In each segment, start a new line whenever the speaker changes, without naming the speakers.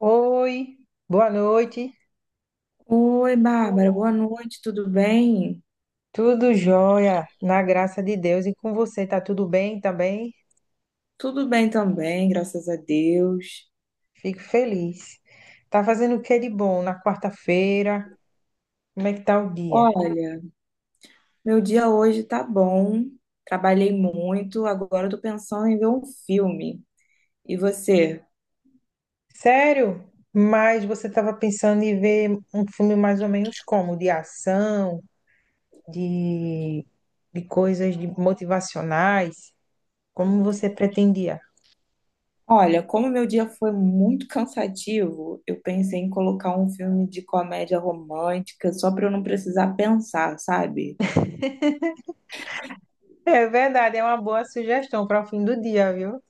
Oi, boa noite.
Oi, Bárbara, boa noite, tudo bem?
Tudo jóia, na graça de Deus. E com você, tá tudo bem também?
Tudo bem também, graças a Deus.
Fico feliz. Tá fazendo o que de bom na quarta-feira? Como é que tá o dia?
Olha, meu dia hoje tá bom, trabalhei muito, agora eu tô pensando em ver um filme. E você?
Sério? Mas você estava pensando em ver um filme mais ou menos como? De ação, de, de coisas de motivacionais? Como você pretendia?
Olha, como meu dia foi muito cansativo, eu pensei em colocar um filme de comédia romântica só para eu não precisar pensar, sabe?
É verdade, é uma boa sugestão para o fim do dia, viu?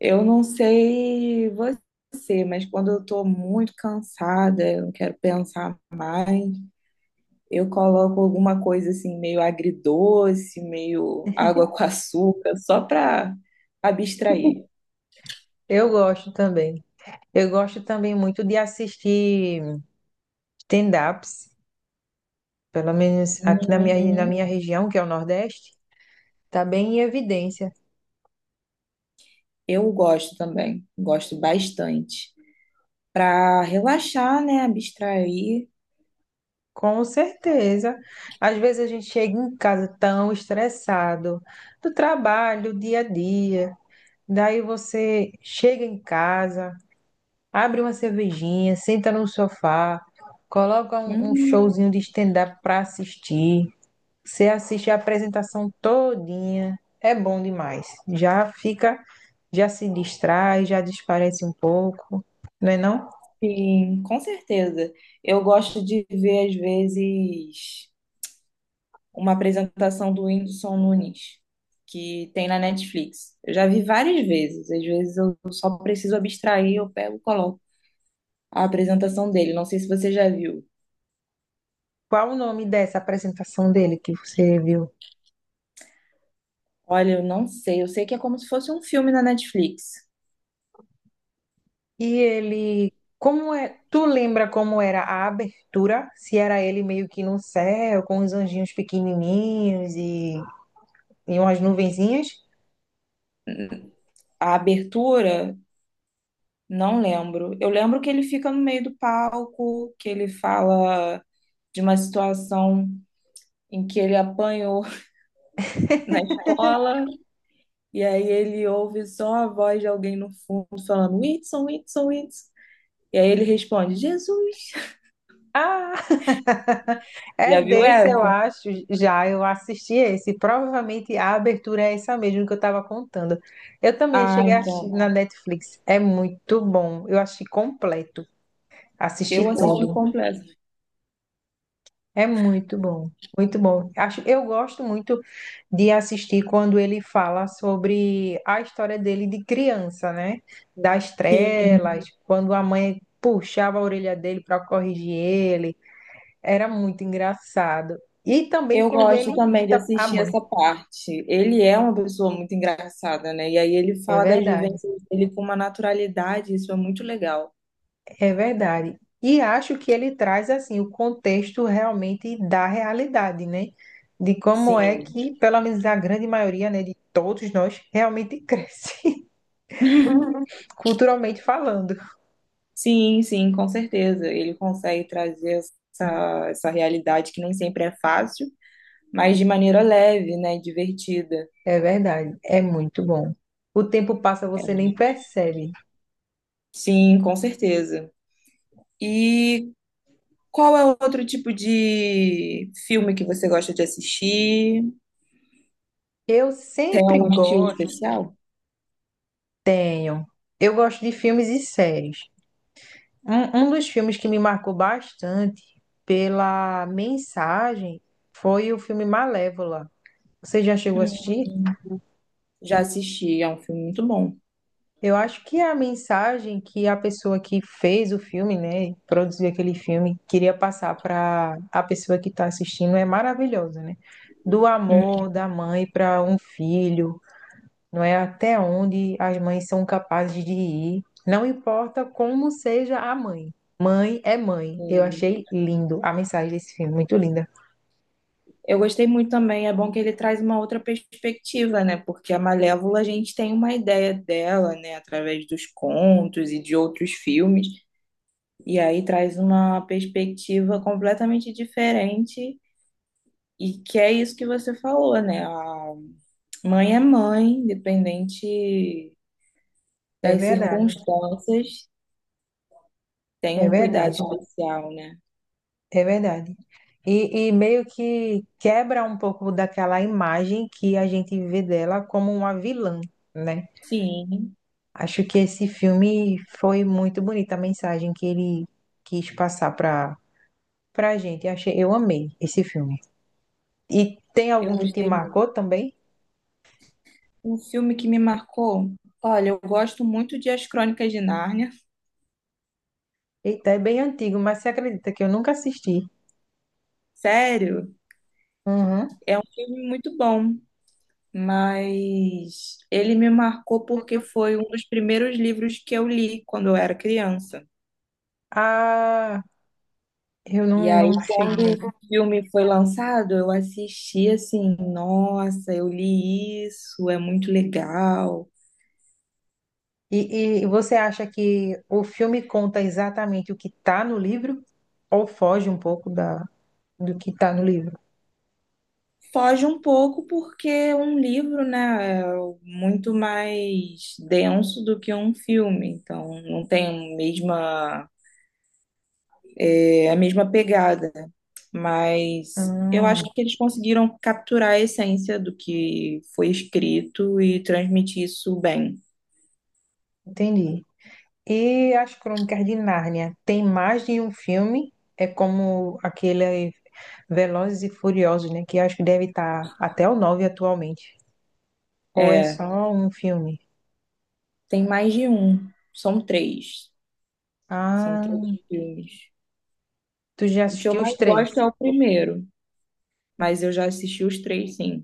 Eu não sei você, mas quando eu tô muito cansada, eu não quero pensar mais. Eu coloco alguma coisa assim, meio agridoce, meio água com açúcar, só para abstrair.
Eu gosto também. Eu gosto também muito de assistir stand-ups, pelo menos aqui na minha, na
Uhum.
minha região, que é o Nordeste, está bem em evidência.
Eu gosto também, gosto bastante. Para relaxar, né? Abstrair.
Com certeza. Às vezes a gente chega em casa tão estressado do trabalho, do dia a dia. Daí você chega em casa, abre uma cervejinha, senta no sofá, coloca um
Hum,
showzinho de stand-up para assistir. Você assiste a apresentação todinha, é bom demais. Já fica, já se distrai, já desparece um pouco, não é não?
sim, com certeza. Eu gosto de ver, às vezes, uma apresentação do Whindersson Nunes, que tem na Netflix. Eu já vi várias vezes, às vezes eu só preciso abstrair, eu pego e coloco a apresentação dele. Não sei se você já viu.
Qual o nome dessa apresentação dele que você viu?
Olha, eu não sei, eu sei que é como se fosse um filme na Netflix.
E ele, como é? Tu lembra como era a abertura? Se era ele meio que no céu, com os anjinhos pequenininhos e umas nuvenzinhas?
A abertura, não lembro. Eu lembro que ele fica no meio do palco, que ele fala de uma situação em que ele apanhou na escola, e aí ele ouve só a voz de alguém no fundo falando: Whitson, Whitson, Whitson. E aí ele responde: Jesus.
Ah, é
Já viu
desse, eu
essa?
acho, já eu assisti esse. Provavelmente a abertura é essa mesmo que eu estava contando. Eu também
Ah,
cheguei a assistir
então.
na Netflix. É muito bom. Eu achei completo. Assisti
Eu assisti
tudo.
completo.
É muito bom. Muito bom. Acho, eu gosto muito de assistir quando ele fala sobre a história dele de criança, né? Das
Sim,
trelas, quando a mãe puxava a orelha dele para corrigir ele, era muito engraçado. E também
eu
quando ele
gosto também de
imita a
assistir
mãe.
essa parte. Ele é uma pessoa muito engraçada, né? E aí ele
É
fala das
verdade,
vivências dele com uma naturalidade, isso é muito legal.
é verdade. E acho que ele traz assim o contexto realmente da realidade, né? De como é
Sim,
que, pelo menos a grande maioria, né, de todos nós realmente cresce, culturalmente falando.
sim, sim, com certeza. Ele consegue trazer essa realidade que nem sempre é fácil, mas de maneira leve, né? Divertida.
É verdade, é muito bom. O tempo passa, você nem percebe.
Sim, com certeza. E qual é o outro tipo de filme que você gosta de assistir?
Eu
É
sempre
um estilo
gosto,
especial?
tenho. Eu gosto de filmes e séries. Um dos filmes que me marcou bastante pela mensagem foi o filme Malévola. Você já chegou a assistir?
Hum, já assisti, é um filme muito bom.
Eu acho que a mensagem que a pessoa que fez o filme, né, produziu aquele filme, queria passar para a pessoa que está assistindo é maravilhosa, né? Do amor da mãe para um filho, não é até onde as mães são capazes de ir, não importa como seja a mãe. Mãe é mãe. Eu
Hum.
achei lindo a mensagem desse filme, muito linda.
Eu gostei muito também, é bom que ele traz uma outra perspectiva, né? Porque a Malévola a gente tem uma ideia dela, né? Através dos contos e de outros filmes. E aí traz uma perspectiva completamente diferente. E que é isso que você falou, né? A mãe é mãe, independente
É
das
verdade,
circunstâncias, tem
é
um cuidado
verdade,
especial, né?
é verdade. E meio que quebra um pouco daquela imagem que a gente vê dela como uma vilã, né?
Sim,
Acho que esse filme foi muito bonita a mensagem que ele quis passar para gente. Achei, eu amei esse filme. E tem
eu
algum que te
gostei muito.
marcou também?
Um filme que me marcou, olha, eu gosto muito de As Crônicas de Nárnia,
Eita, é bem antigo, mas você acredita que eu nunca assisti?
sério,
Uhum.
filme muito bom, mas ele me marcou porque foi um dos primeiros livros que eu li quando eu era criança.
Ah, eu
E
não,
aí,
não
quando
cheguei a
o
ver.
filme foi lançado, eu assisti assim, nossa, eu li isso, é muito legal.
E você acha que o filme conta exatamente o que está no livro ou foge um pouco da, do que está no livro?
Foge um pouco porque um livro, né, é muito mais denso do que um filme, então não tem a mesma, é a mesma pegada, mas eu acho
Hum,
que eles conseguiram capturar a essência do que foi escrito e transmitir isso bem.
entendi. E as Crônicas de Nárnia, tem mais de um filme? É como aquele Velozes e Furiosos, né? Que acho que deve estar até o nove atualmente. Ou é
É,
só um filme?
tem mais de um, são três
Ah,
filmes.
tu já
O que eu
assistiu os
mais
três?
gosto é o primeiro, mas eu já assisti os três, sim.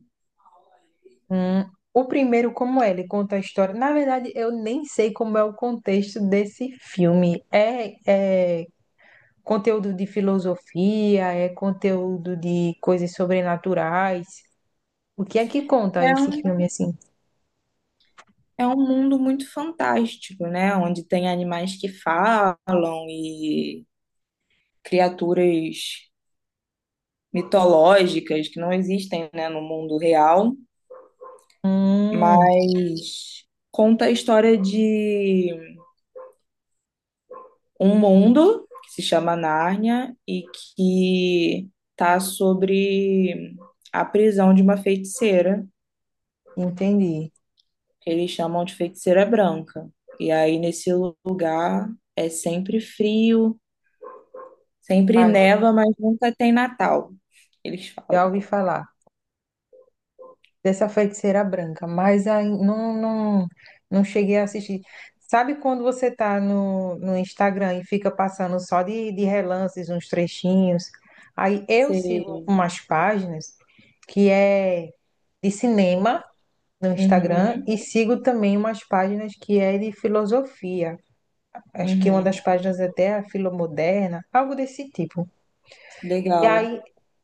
Hum, o primeiro, como é? Ele conta a história. Na verdade, eu nem sei como é o contexto desse filme. É conteúdo de filosofia, é conteúdo de coisas sobrenaturais. O que é que conta esse
É,
filme assim?
é um mundo muito fantástico, né? Onde tem animais que falam e criaturas mitológicas que não existem, né, no mundo real,
Hum,
mas conta a história de um mundo que se chama Nárnia e que tá sobre a prisão de uma feiticeira,
entendi.
que eles chamam de feiticeira branca. E aí nesse lugar é sempre frio. Sempre
Ah,
neva, mas nunca tem Natal, eles
já
falam.
ouvi falar dessa feiticeira branca, mas aí não, não cheguei a assistir. Sabe quando você tá no Instagram e fica passando só de relances, uns trechinhos? Aí eu sigo
Sei.
umas páginas que é de cinema no Instagram e
Uhum,
sigo também umas páginas que é de filosofia. Acho que uma das
uhum.
páginas é até Filomoderna, algo desse tipo. E
Legal.
aí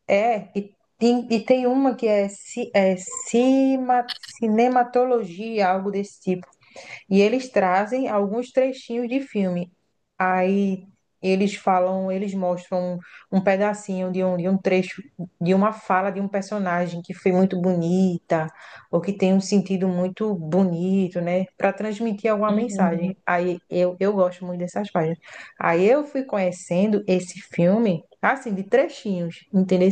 é, e, tem uma que é, cinematologia, algo desse tipo. E eles trazem alguns trechinhos de filme. Aí eles falam, eles mostram um pedacinho de um trecho, de uma fala de um personagem que foi muito bonita, ou que tem um sentido muito bonito, né? Para transmitir alguma mensagem.
Uhum.
Aí eu gosto muito dessas páginas. Aí eu fui conhecendo esse filme, assim, de trechinhos, entendeu?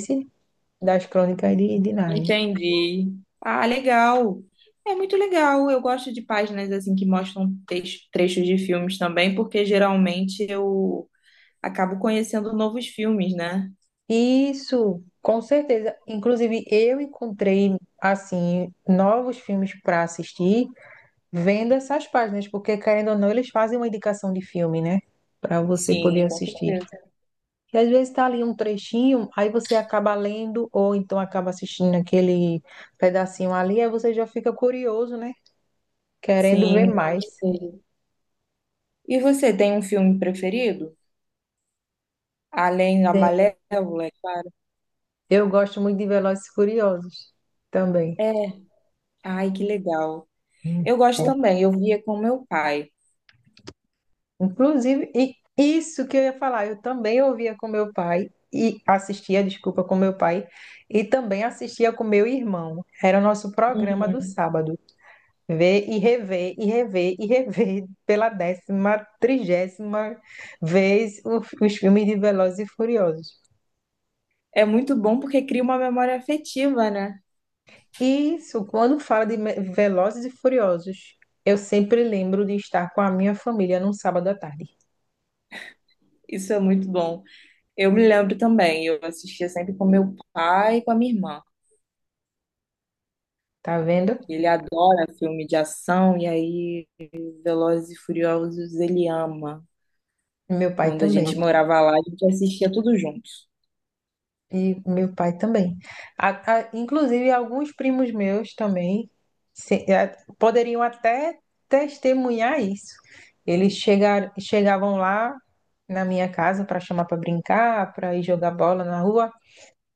Das Crônicas de Nárnia.
Entendi. Ah, legal. É muito legal. Eu gosto de páginas assim que mostram trechos de filmes também, porque geralmente eu acabo conhecendo novos filmes, né?
Isso, com certeza. Inclusive, eu encontrei, assim, novos filmes para assistir vendo essas páginas, porque, querendo ou não, eles fazem uma indicação de filme, né? Para você poder
Sim, com
assistir.
certeza.
E às vezes tá ali um trechinho, aí você acaba lendo, ou então acaba assistindo aquele pedacinho ali, aí você já fica curioso, né? Querendo ver
Sim, com
mais.
certeza. E você tem um filme preferido? Além da Malévola, é claro.
Eu gosto muito de Velozes e Furiosos também.
É. Ai, que legal. Eu gosto também, eu via com meu pai.
Inclusive, e isso que eu ia falar, eu também ouvia com meu pai e assistia, desculpa, com meu pai e também assistia com meu irmão. Era o nosso programa
Uhum.
do sábado. Ver e rever, e rever, e rever pela décima, trigésima vez os filmes de Velozes e Furiosos.
É muito bom porque cria uma memória afetiva, né?
E isso, quando fala Velozes e Furiosos, eu sempre lembro de estar com a minha família num sábado à tarde.
Isso é muito bom. Eu me lembro também, eu assistia sempre com meu pai e com a minha irmã.
Tá vendo?
Ele adora filme de ação e aí Velozes e Furiosos ele ama.
Meu pai
Quando a gente
também.
morava lá, a gente assistia tudo junto.
E meu pai também. Inclusive, alguns primos meus também poderiam até testemunhar isso. Chegavam lá na minha casa para chamar para brincar, para ir jogar bola na rua,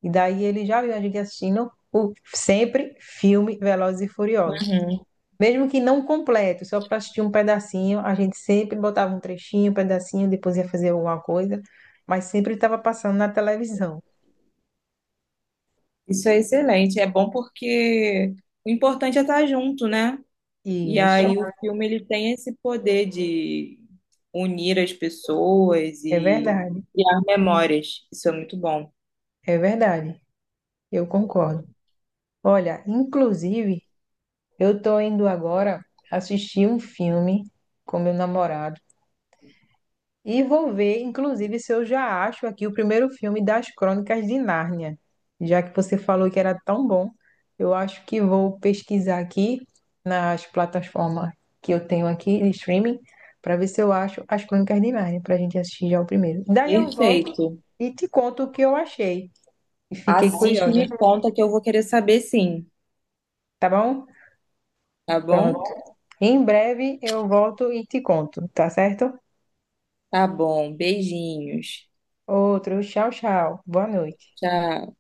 e daí eles já viam a gente assistindo sempre filme Velozes e Furiosos.
Uhum.
Mesmo que não completo, só para assistir um pedacinho, a gente sempre botava um trechinho, um pedacinho, depois ia fazer alguma coisa, mas sempre estava passando na televisão.
Isso é excelente, é bom porque o importante é estar junto, né? E
E isso.
aí o filme ele tem esse poder de unir as pessoas
É
e
verdade,
criar memórias. Isso é muito bom.
é verdade. Eu concordo. Olha, inclusive, eu tô indo agora assistir um filme com meu namorado e vou ver, inclusive, se eu já acho aqui o primeiro filme das Crônicas de Nárnia. Já que você falou que era tão bom, eu acho que vou pesquisar aqui nas plataformas que eu tenho aqui de streaming para ver se eu acho as Crônicas de Nárnia para a gente assistir já o primeiro. Daí eu volto
Perfeito.
e te conto o que eu achei. E fiquei
Assiste e
curiosa.
me conta que eu vou querer saber, sim,
Tá bom?
tá
Pronto.
bom?
Em breve eu volto e te conto, tá certo?
Tá bom. Beijinhos.
Outro, tchau, tchau. Boa noite.
Tchau.